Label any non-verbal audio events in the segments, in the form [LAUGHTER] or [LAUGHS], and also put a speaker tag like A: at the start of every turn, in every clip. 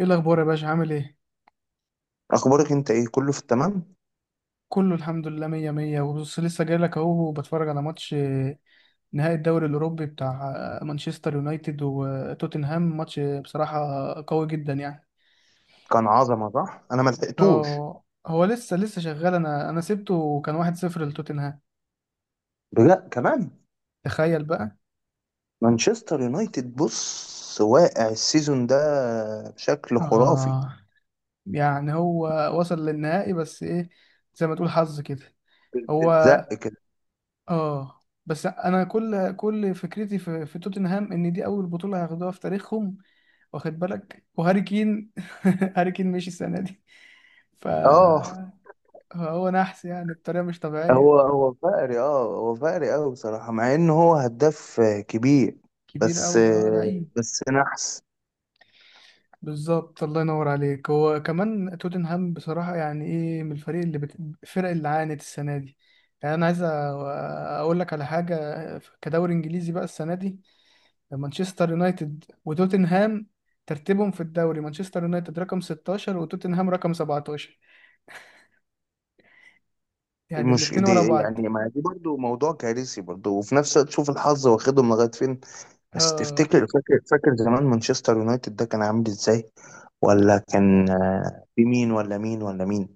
A: ايه الاخبار يا باشا؟ عامل ايه؟
B: اخبارك انت ايه؟ كله في التمام.
A: كله الحمد لله، مية مية. وبص لسه جاي لك اهو، بتفرج على ماتش نهائي الدوري الاوروبي بتاع مانشستر يونايتد وتوتنهام. ماتش بصراحة قوي جدا يعني.
B: كان عظمه، صح؟ انا ما لحقتوش.
A: اه، هو لسه شغال، انا سبته وكان 1-0 لتوتنهام.
B: لا، كمان.
A: تخيل بقى.
B: مانشستر يونايتد، بص، واقع السيزون ده بشكل خرافي.
A: اه يعني هو وصل للنهائي، بس ايه، زي ما تقول حظ كده هو.
B: بالزق كده.
A: اه بس انا كل فكرتي في توتنهام، ان دي اول بطوله هياخدوها في تاريخهم. واخد بالك؟ وهاري كين [LAUGHS] هاري كين مشي السنه دي،
B: اه،
A: فهو نحس يعني، بطريقه مش طبيعيه.
B: هو فقري. قوي بصراحه، مع ان هو هداف كبير.
A: كبير
B: بس
A: قوي، اه لعيب.
B: نحس.
A: بالظبط، الله ينور عليك. هو كمان توتنهام بصراحه يعني ايه، من الفريق اللي. الفرق اللي عانت السنه دي. يعني انا عايز اقول لك على حاجه. كدوري انجليزي بقى السنه دي، مانشستر يونايتد وتوتنهام ترتيبهم في الدوري: مانشستر يونايتد رقم 16 وتوتنهام رقم 17. يعني
B: مش
A: الاتنين ورا
B: دي
A: بعض.
B: يعني، ما دي برضو موضوع كارثي برضو. وفي نفس الوقت، شوف الحظ واخدهم لغايه فين. بس
A: اه،
B: تفتكر، فاكر زمان مانشستر يونايتد ده كان عامل ازاي؟ ولا كان،
A: ده,
B: في مين ولا مين ولا مين؟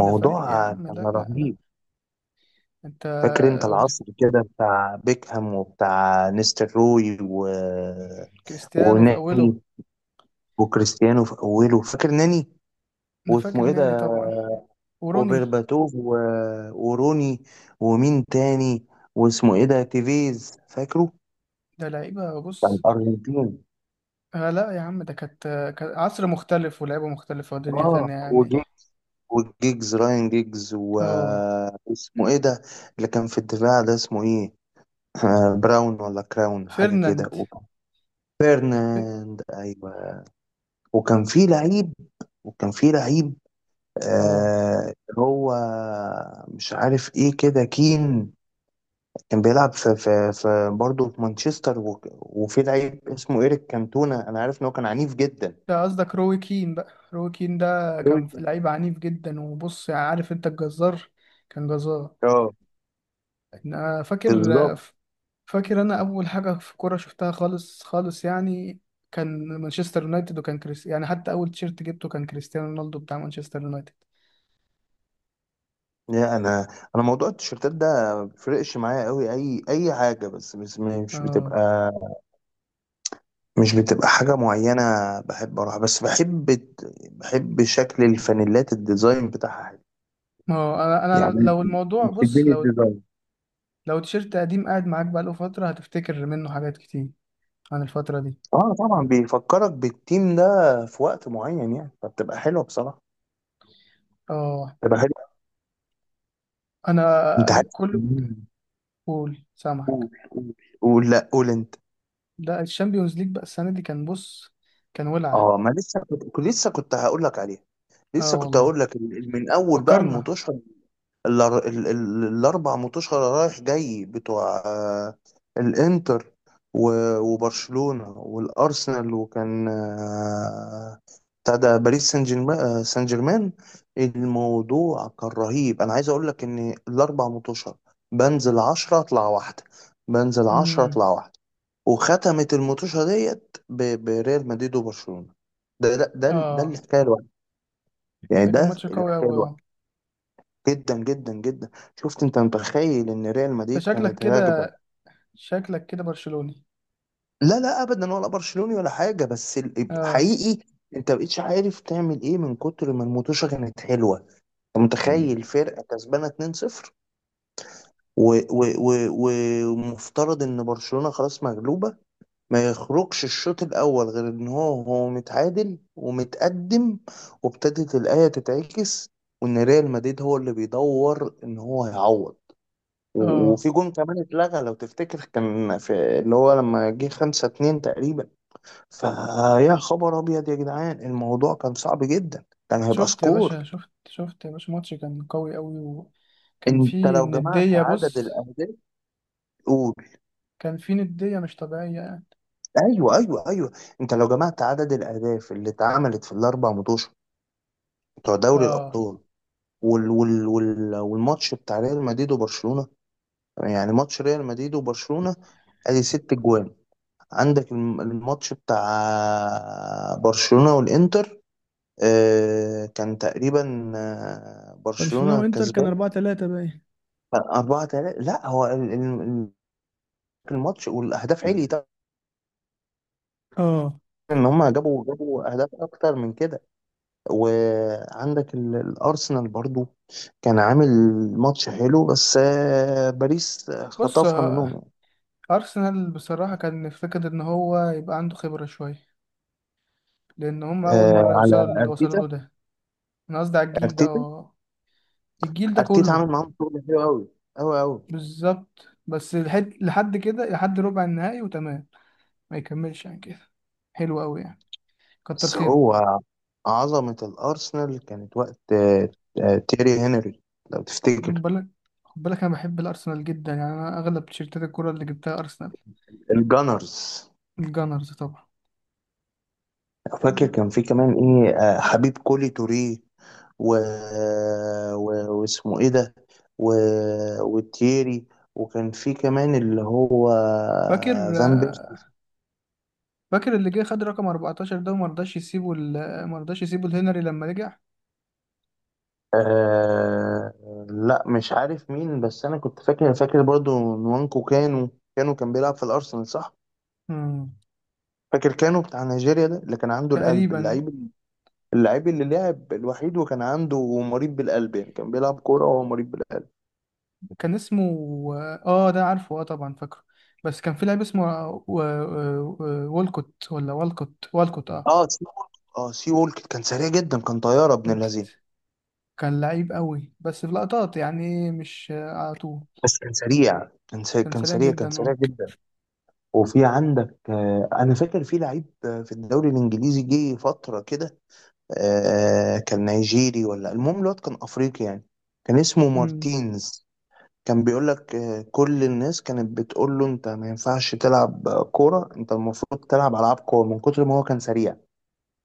A: ده فريق يا عم،
B: كان
A: لا لا لا.
B: رهيب.
A: انت
B: فاكر انت
A: وب-
B: العصر كده بتاع بيكهام وبتاع نيستر روي
A: كريستيانو في اوله.
B: وناني وكريستيانو في اوله، فاكر ناني؟
A: انا فاكر
B: واسمه ايه
A: ناني
B: ده،
A: طبعا، وروني.
B: وبرباتوف وروني ومين تاني واسمه ايه ده، تيفيز، فاكره؟
A: ده لعيبه
B: بتاع
A: بص.
B: الارجنتين.
A: آه لا يا عم. ده كانت كان عصر مختلف ولعيبه مختلفه ودنيا
B: اه،
A: تانية يعني.
B: وجيجز، راين جيجز،
A: اه،
B: واسمه ايه ده؟ اللي كان في الدفاع ده اسمه ايه؟ آه، براون ولا كراون، حاجة كده،
A: فيرناند.
B: فيرناند، ايوه. وكان في لعيب وكان في لعيب،
A: اه
B: آه، هو مش عارف ايه كده، كين. كان بيلعب في برضه في مانشستر، وفي لعيب اسمه ايريك كانتونا. انا عارف ان هو كان عنيف جدا.
A: ده قصدك روي كين بقى. روي كين ده
B: روي
A: كان
B: كين.
A: لعيب عنيف جدا، وبص يعني عارف انت الجزار. كان جزار.
B: اه،
A: انا فاكر.
B: بالظبط.
A: فاكر انا اول حاجه في كوره شفتها خالص خالص يعني، كان مانشستر يونايتد، وكان كريس، يعني حتى اول تيشيرت جبته كان كريستيانو رونالدو بتاع مانشستر يونايتد.
B: لا، انا موضوع التيشيرتات ده ما بيفرقش معايا قوي. اي حاجه، بس مش بتبقى،
A: اه،
B: حاجه معينه. بحب اروح، بس بحب شكل الفانيلات، الديزاين بتاعها حلو،
A: ما هو انا
B: يعني.
A: لو الموضوع بص،
B: بتشدني
A: لو
B: الديزاين.
A: لو تيشيرت قديم قاعد معاك بقاله فتره هتفتكر منه حاجات كتير عن الفتره دي.
B: اه، طبعا، بيفكرك بالتيم ده في وقت معين، يعني. فبتبقى حلوه بصراحه،
A: اه
B: بتبقى حلوه.
A: انا
B: انت عارف.
A: كل. قول، سامعك.
B: قول قول. قول، لا، قول انت.
A: ده الشامبيونز ليج بقى السنة دي كان بص، كان ولع.
B: اه، ما لسه، كنت لسه هقول لك عليها.
A: اه
B: لسه كنت
A: والله،
B: هقول لك، من اول بقى
A: فكرنا.
B: الموتوشه. الاربع متوشة رايح جاي، بتوع الانتر وبرشلونة والارسنال. وكان بتاع ده باريس سان جيرمان، سان جيرمان. الموضوع كان رهيب. انا عايز اقول لك ان الاربع متوشة، بنزل عشرة اطلع واحدة، بنزل عشرة
A: امم.
B: اطلع واحدة. وختمت المتوشة ديت بريال مدريد وبرشلونة. ده
A: اه
B: الحكاية الواحدة، يعني.
A: ده كان
B: ده
A: ماتش قوي
B: الحكاية
A: قوي، اه.
B: الواحدة. جدا جدا جدا. شفت، انت متخيل ان ريال
A: ده
B: مدريد
A: شكلك
B: كانت راكبه؟
A: كده، شكلك كده برشلوني.
B: لا لا، ابدا، ولا برشلوني ولا حاجه. بس
A: اه
B: حقيقي، انت مبقتش عارف تعمل ايه من كتر ما المطوشه كانت حلوه. انت
A: مم.
B: متخيل فرقه كسبانه 2-0، ومفترض ان برشلونه خلاص مغلوبه. ما يخرجش الشوط الاول غير ان هو متعادل ومتقدم، وابتدت الايه تتعكس، وان ريال مدريد هو اللي بيدور ان هو يعوض.
A: اه.
B: وفي جون كمان اتلغى لو تفتكر، كان في، اللي هو لما جه خمسة اتنين تقريبا. فيا خبر ابيض يا جدعان، الموضوع كان صعب جدا، كان هيبقى
A: شفت يا باشا،
B: سكور.
A: شفت يا باشا، ماتش كان قوي قوي، وكان
B: انت
A: فيه
B: لو جمعت
A: ندية
B: عدد
A: بص،
B: الاهداف، قول.
A: كان فيه ندية مش طبيعية يعني.
B: ايوه، ايوه، ايوه. انت لو جمعت عدد الاهداف اللي اتعملت في الاربع ماتش بتوع دوري
A: اه،
B: الابطال، والماتش بتاع ريال مدريد وبرشلونة. يعني ماتش ريال مدريد وبرشلونة، ادي ست جوان. عندك الماتش بتاع برشلونة والانتر، آه، كان تقريبا، آه،
A: برشلونة
B: برشلونة
A: وانتر كان
B: كسبان
A: 4-3 باين.
B: 4-3. لا، هو الماتش، والاهداف عليت،
A: اه
B: ان هم جابوا اهداف اكتر من كده. وعندك الارسنال برضو، كان عامل ماتش حلو، بس آه، باريس
A: بص،
B: خطفها منهم يعني.
A: أرسنال بصراحة كان فكرة إن هو يبقى عنده خبرة شوية، لان هم اول
B: آه،
A: مره
B: على
A: يوصلوا اللي وصلوا
B: ارتيتا.
A: له ده. انا قصدي على الجيل ده،
B: ارتيتا
A: اه الجيل ده
B: ارتيتا عامل
A: كله.
B: معاهم شغل حلو قوي، قوي قوي.
A: بالظبط، بس لحد كده، لحد ربع النهائي وتمام، ما يكملش عن كده، حلو قوي يعني، كتر
B: بس
A: خيره.
B: هو، عظمة الارسنال كانت وقت تيري هنري، لو
A: خد
B: تفتكر.
A: بالك خد بالك، انا بحب الارسنال جدا يعني، انا اغلب تيشيرتات الكوره اللي جبتها ارسنال.
B: الجانرز.
A: الجانرز طبعا.
B: فاكر كان في كمان ايه، آه، حبيب كولي توري، و... و... واسمه ايه ده، و... وتييري، وكان في كمان اللي هو
A: فاكر
B: فان بيرسي.
A: اللي جه خد رقم 14 ده، وما رضاش يسيبه ال- ما رضاش يسيبه الهنري لما رجع.
B: آه... لا، مش عارف مين. بس انا كنت فاكر برضو، نوانكو كانو. كان بيلعب في الارسنال، صح؟
A: مم.
B: فاكر كانو بتاع نيجيريا ده، اللي كان عنده القلب،
A: تقريبا.
B: اللعيب. اللي لعب الوحيد، وكان عنده، مريض بالقلب يعني، كان بيلعب كورة وهو مريض بالقلب.
A: كان اسمه. اه ده عارفه، اه طبعا فاكره. بس كان في لاعب اسمه والكوت اه.
B: اه سي وولك اه، سي وولك كان سريع جدا، كان طياره ابن
A: والكوت
B: اللذين.
A: كان لعيب قوي، بس في لقطات يعني، مش على طول.
B: بس كان سريع، كان سريع،
A: كان
B: كان
A: سريع
B: سريع، كان
A: جدا،
B: سريع
A: اه.
B: جدا. وفي عندك، انا فاكر في لعيب، في الدوري الانجليزي جه فتره كده، كان نيجيري، ولا المهم، الواد كان افريقي يعني، كان اسمه
A: أمم.
B: مارتينز. كان بيقول لك، كل الناس كانت بتقول له، انت ما ينفعش تلعب، كوره. انت المفروض تلعب العاب كوره، من كتر ما هو كان سريع.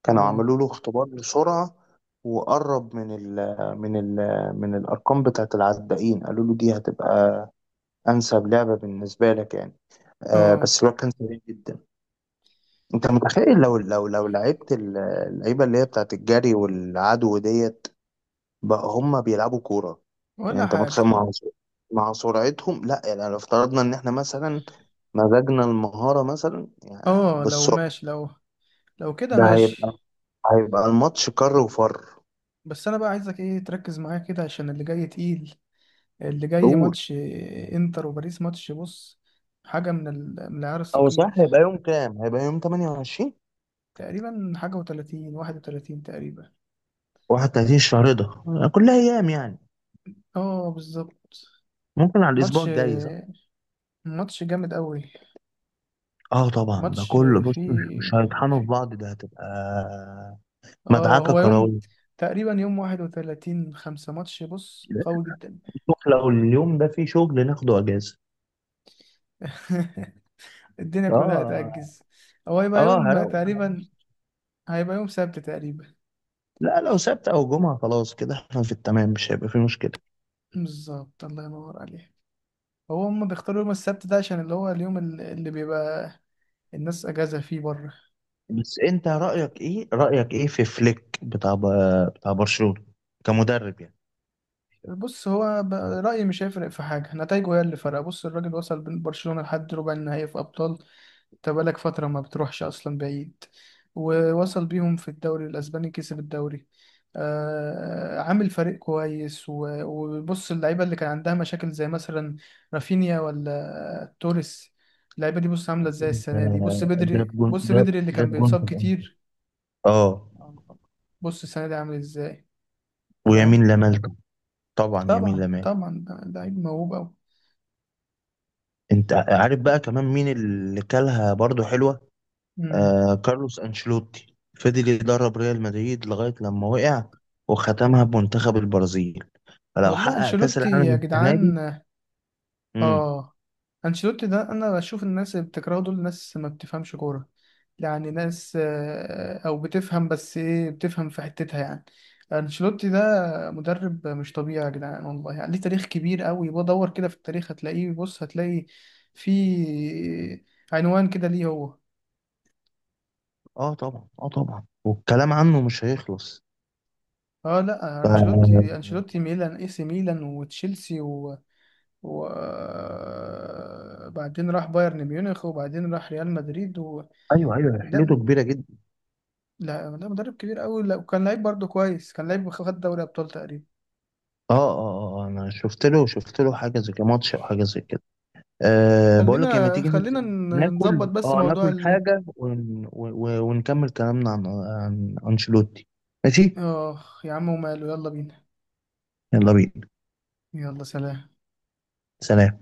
B: كانوا
A: اه.
B: عملوا له اختبار بسرعة، وقرب من ال من ال من الأرقام بتاعة العدائين. قالوا له دي هتبقى أنسب لعبة بالنسبة لك، يعني.
A: اه.
B: بس الواد كان سريع جدا. أنت متخيل، لو لعبت اللعيبة اللي هي بتاعة الجري والعدو ديت، بقى هما بيلعبوا كورة؟ يعني
A: ولا
B: أنت
A: حاجة.
B: متخيل مع سرعتهم، لا يعني، لو افترضنا إن إحنا مثلا مزجنا المهارة مثلا، يعني،
A: اه لو
B: بالسرعة،
A: ماشي، لو لو كده
B: ده
A: ماشي.
B: هيبقى هيبقى الماتش كر وفر.
A: بس انا بقى عايزك ايه، تركز معايا كده عشان اللي جاي تقيل. اللي جاي
B: قول.
A: ماتش انتر وباريس. ماتش بص، حاجة من العيار
B: او، صح،
A: الثقيل.
B: هيبقى يوم كام؟ هيبقى يوم 28،
A: تقريبا حاجة وتلاتين، 31 تقريبا.
B: 31 الشهر ده، كلها ايام يعني.
A: اه بالظبط.
B: ممكن على الاسبوع
A: ماتش،
B: الجاي، صح.
A: ماتش جامد قوي.
B: اه طبعا، ده
A: ماتش
B: كله، بص، مش
A: فيه،
B: مش هيطحنوا في
A: في،
B: بعض، ده هتبقى
A: اه
B: مدعكه
A: هو يوم
B: كرويه.
A: تقريبا يوم 31، خمسة ماتش بص قوي جدا.
B: نروح، لو اليوم ده فيه شغل ناخده اجازه.
A: [LAUGHS] الدنيا كلها
B: اه،
A: هتأجز. هو هيبقى
B: اه،
A: يوم
B: هروق على
A: تقريبا،
B: نفسي.
A: هيبقى يوم سبت تقريبا.
B: لا، لو سبت او جمعه، خلاص كده احنا في التمام، مش هيبقى فيه مشكله.
A: بالظبط، الله ينور عليك. هو هم بيختاروا يوم السبت ده عشان اللي هو اليوم اللي بيبقى الناس أجازة فيه بره.
B: بس انت رايك ايه، في فليك بتاع بتاع برشلونه، كمدرب يعني؟
A: بص، هو رأيي مش هيفرق في حاجة، نتايجه هي اللي فرق. بص الراجل وصل بين برشلونة لحد ربع النهائي في أبطال. انت بقالك فترة ما بتروحش أصلا بعيد. ووصل بيهم في الدوري الأسباني، كسب الدوري. آه عامل فريق كويس وبص اللعيبة اللي كان عندها مشاكل زي مثلا رافينيا ولا توريس، اللعيبة دي بص عاملة
B: أصل
A: ازاي
B: انت،
A: السنة دي، بص بدري، بص بدري اللي كان
B: جاب جون
A: بيتصاب
B: في الأول.
A: كتير.
B: اه،
A: بص السنة دي عامل ازاي، فاهم.
B: ويمين لمال. طبعا يمين
A: طبعا
B: لمال.
A: طبعا، ده لعيب موهوب أوي.
B: انت عارف بقى كمان مين اللي كلها برضو حلوة؟
A: مم.
B: آه، كارلوس انشيلوتي. فضل يدرب ريال مدريد لغاية لما وقع، وختمها بمنتخب البرازيل. فلو
A: والله
B: حقق كأس
A: انشيلوتي
B: العالم
A: يا
B: السنة دي.
A: جدعان،
B: امم
A: اه. انشيلوتي ده، انا بشوف الناس اللي بتكرهه دول ناس ما بتفهمش كوره، يعني ناس او بتفهم، بس ايه، بتفهم في حتتها يعني. انشيلوتي ده مدرب مش طبيعي يا جدعان والله، يعني ليه تاريخ كبير قوي، بدور كده في التاريخ هتلاقيه، بص هتلاقي في عنوان كده ليه هو.
B: اه طبعا، اه طبعا، والكلام عنه مش هيخلص.
A: اه لا، انشيلوتي
B: ف-
A: انشيلوتي ميلان، اي سي ميلان وتشيلسي، وبعدين راح بايرن ميونخ، وبعدين راح ريال مدريد.
B: ايوه، ايوه، رحلته
A: لا
B: كبيرة جدا.
A: لا لا مدرب كبير قوي، لا وكان لعيب برضه كويس، كان لعيب خد دوري ابطال تقريبا.
B: اه، اه، اه، آه، انا شفت له حاجة زي كده، ماتش او حاجة زي كده. أه، بقول لك، لما
A: خلينا
B: تيجي
A: خلينا
B: ننزل
A: نظبط
B: ناكل،
A: بس موضوع
B: ناكل
A: ال...
B: حاجة، ونكمل كلامنا عن، أنشيلوتي. ماشي.
A: اه يا عم وماله، يلا بينا.
B: يلا بينا.
A: يلا سلام.
B: سلام.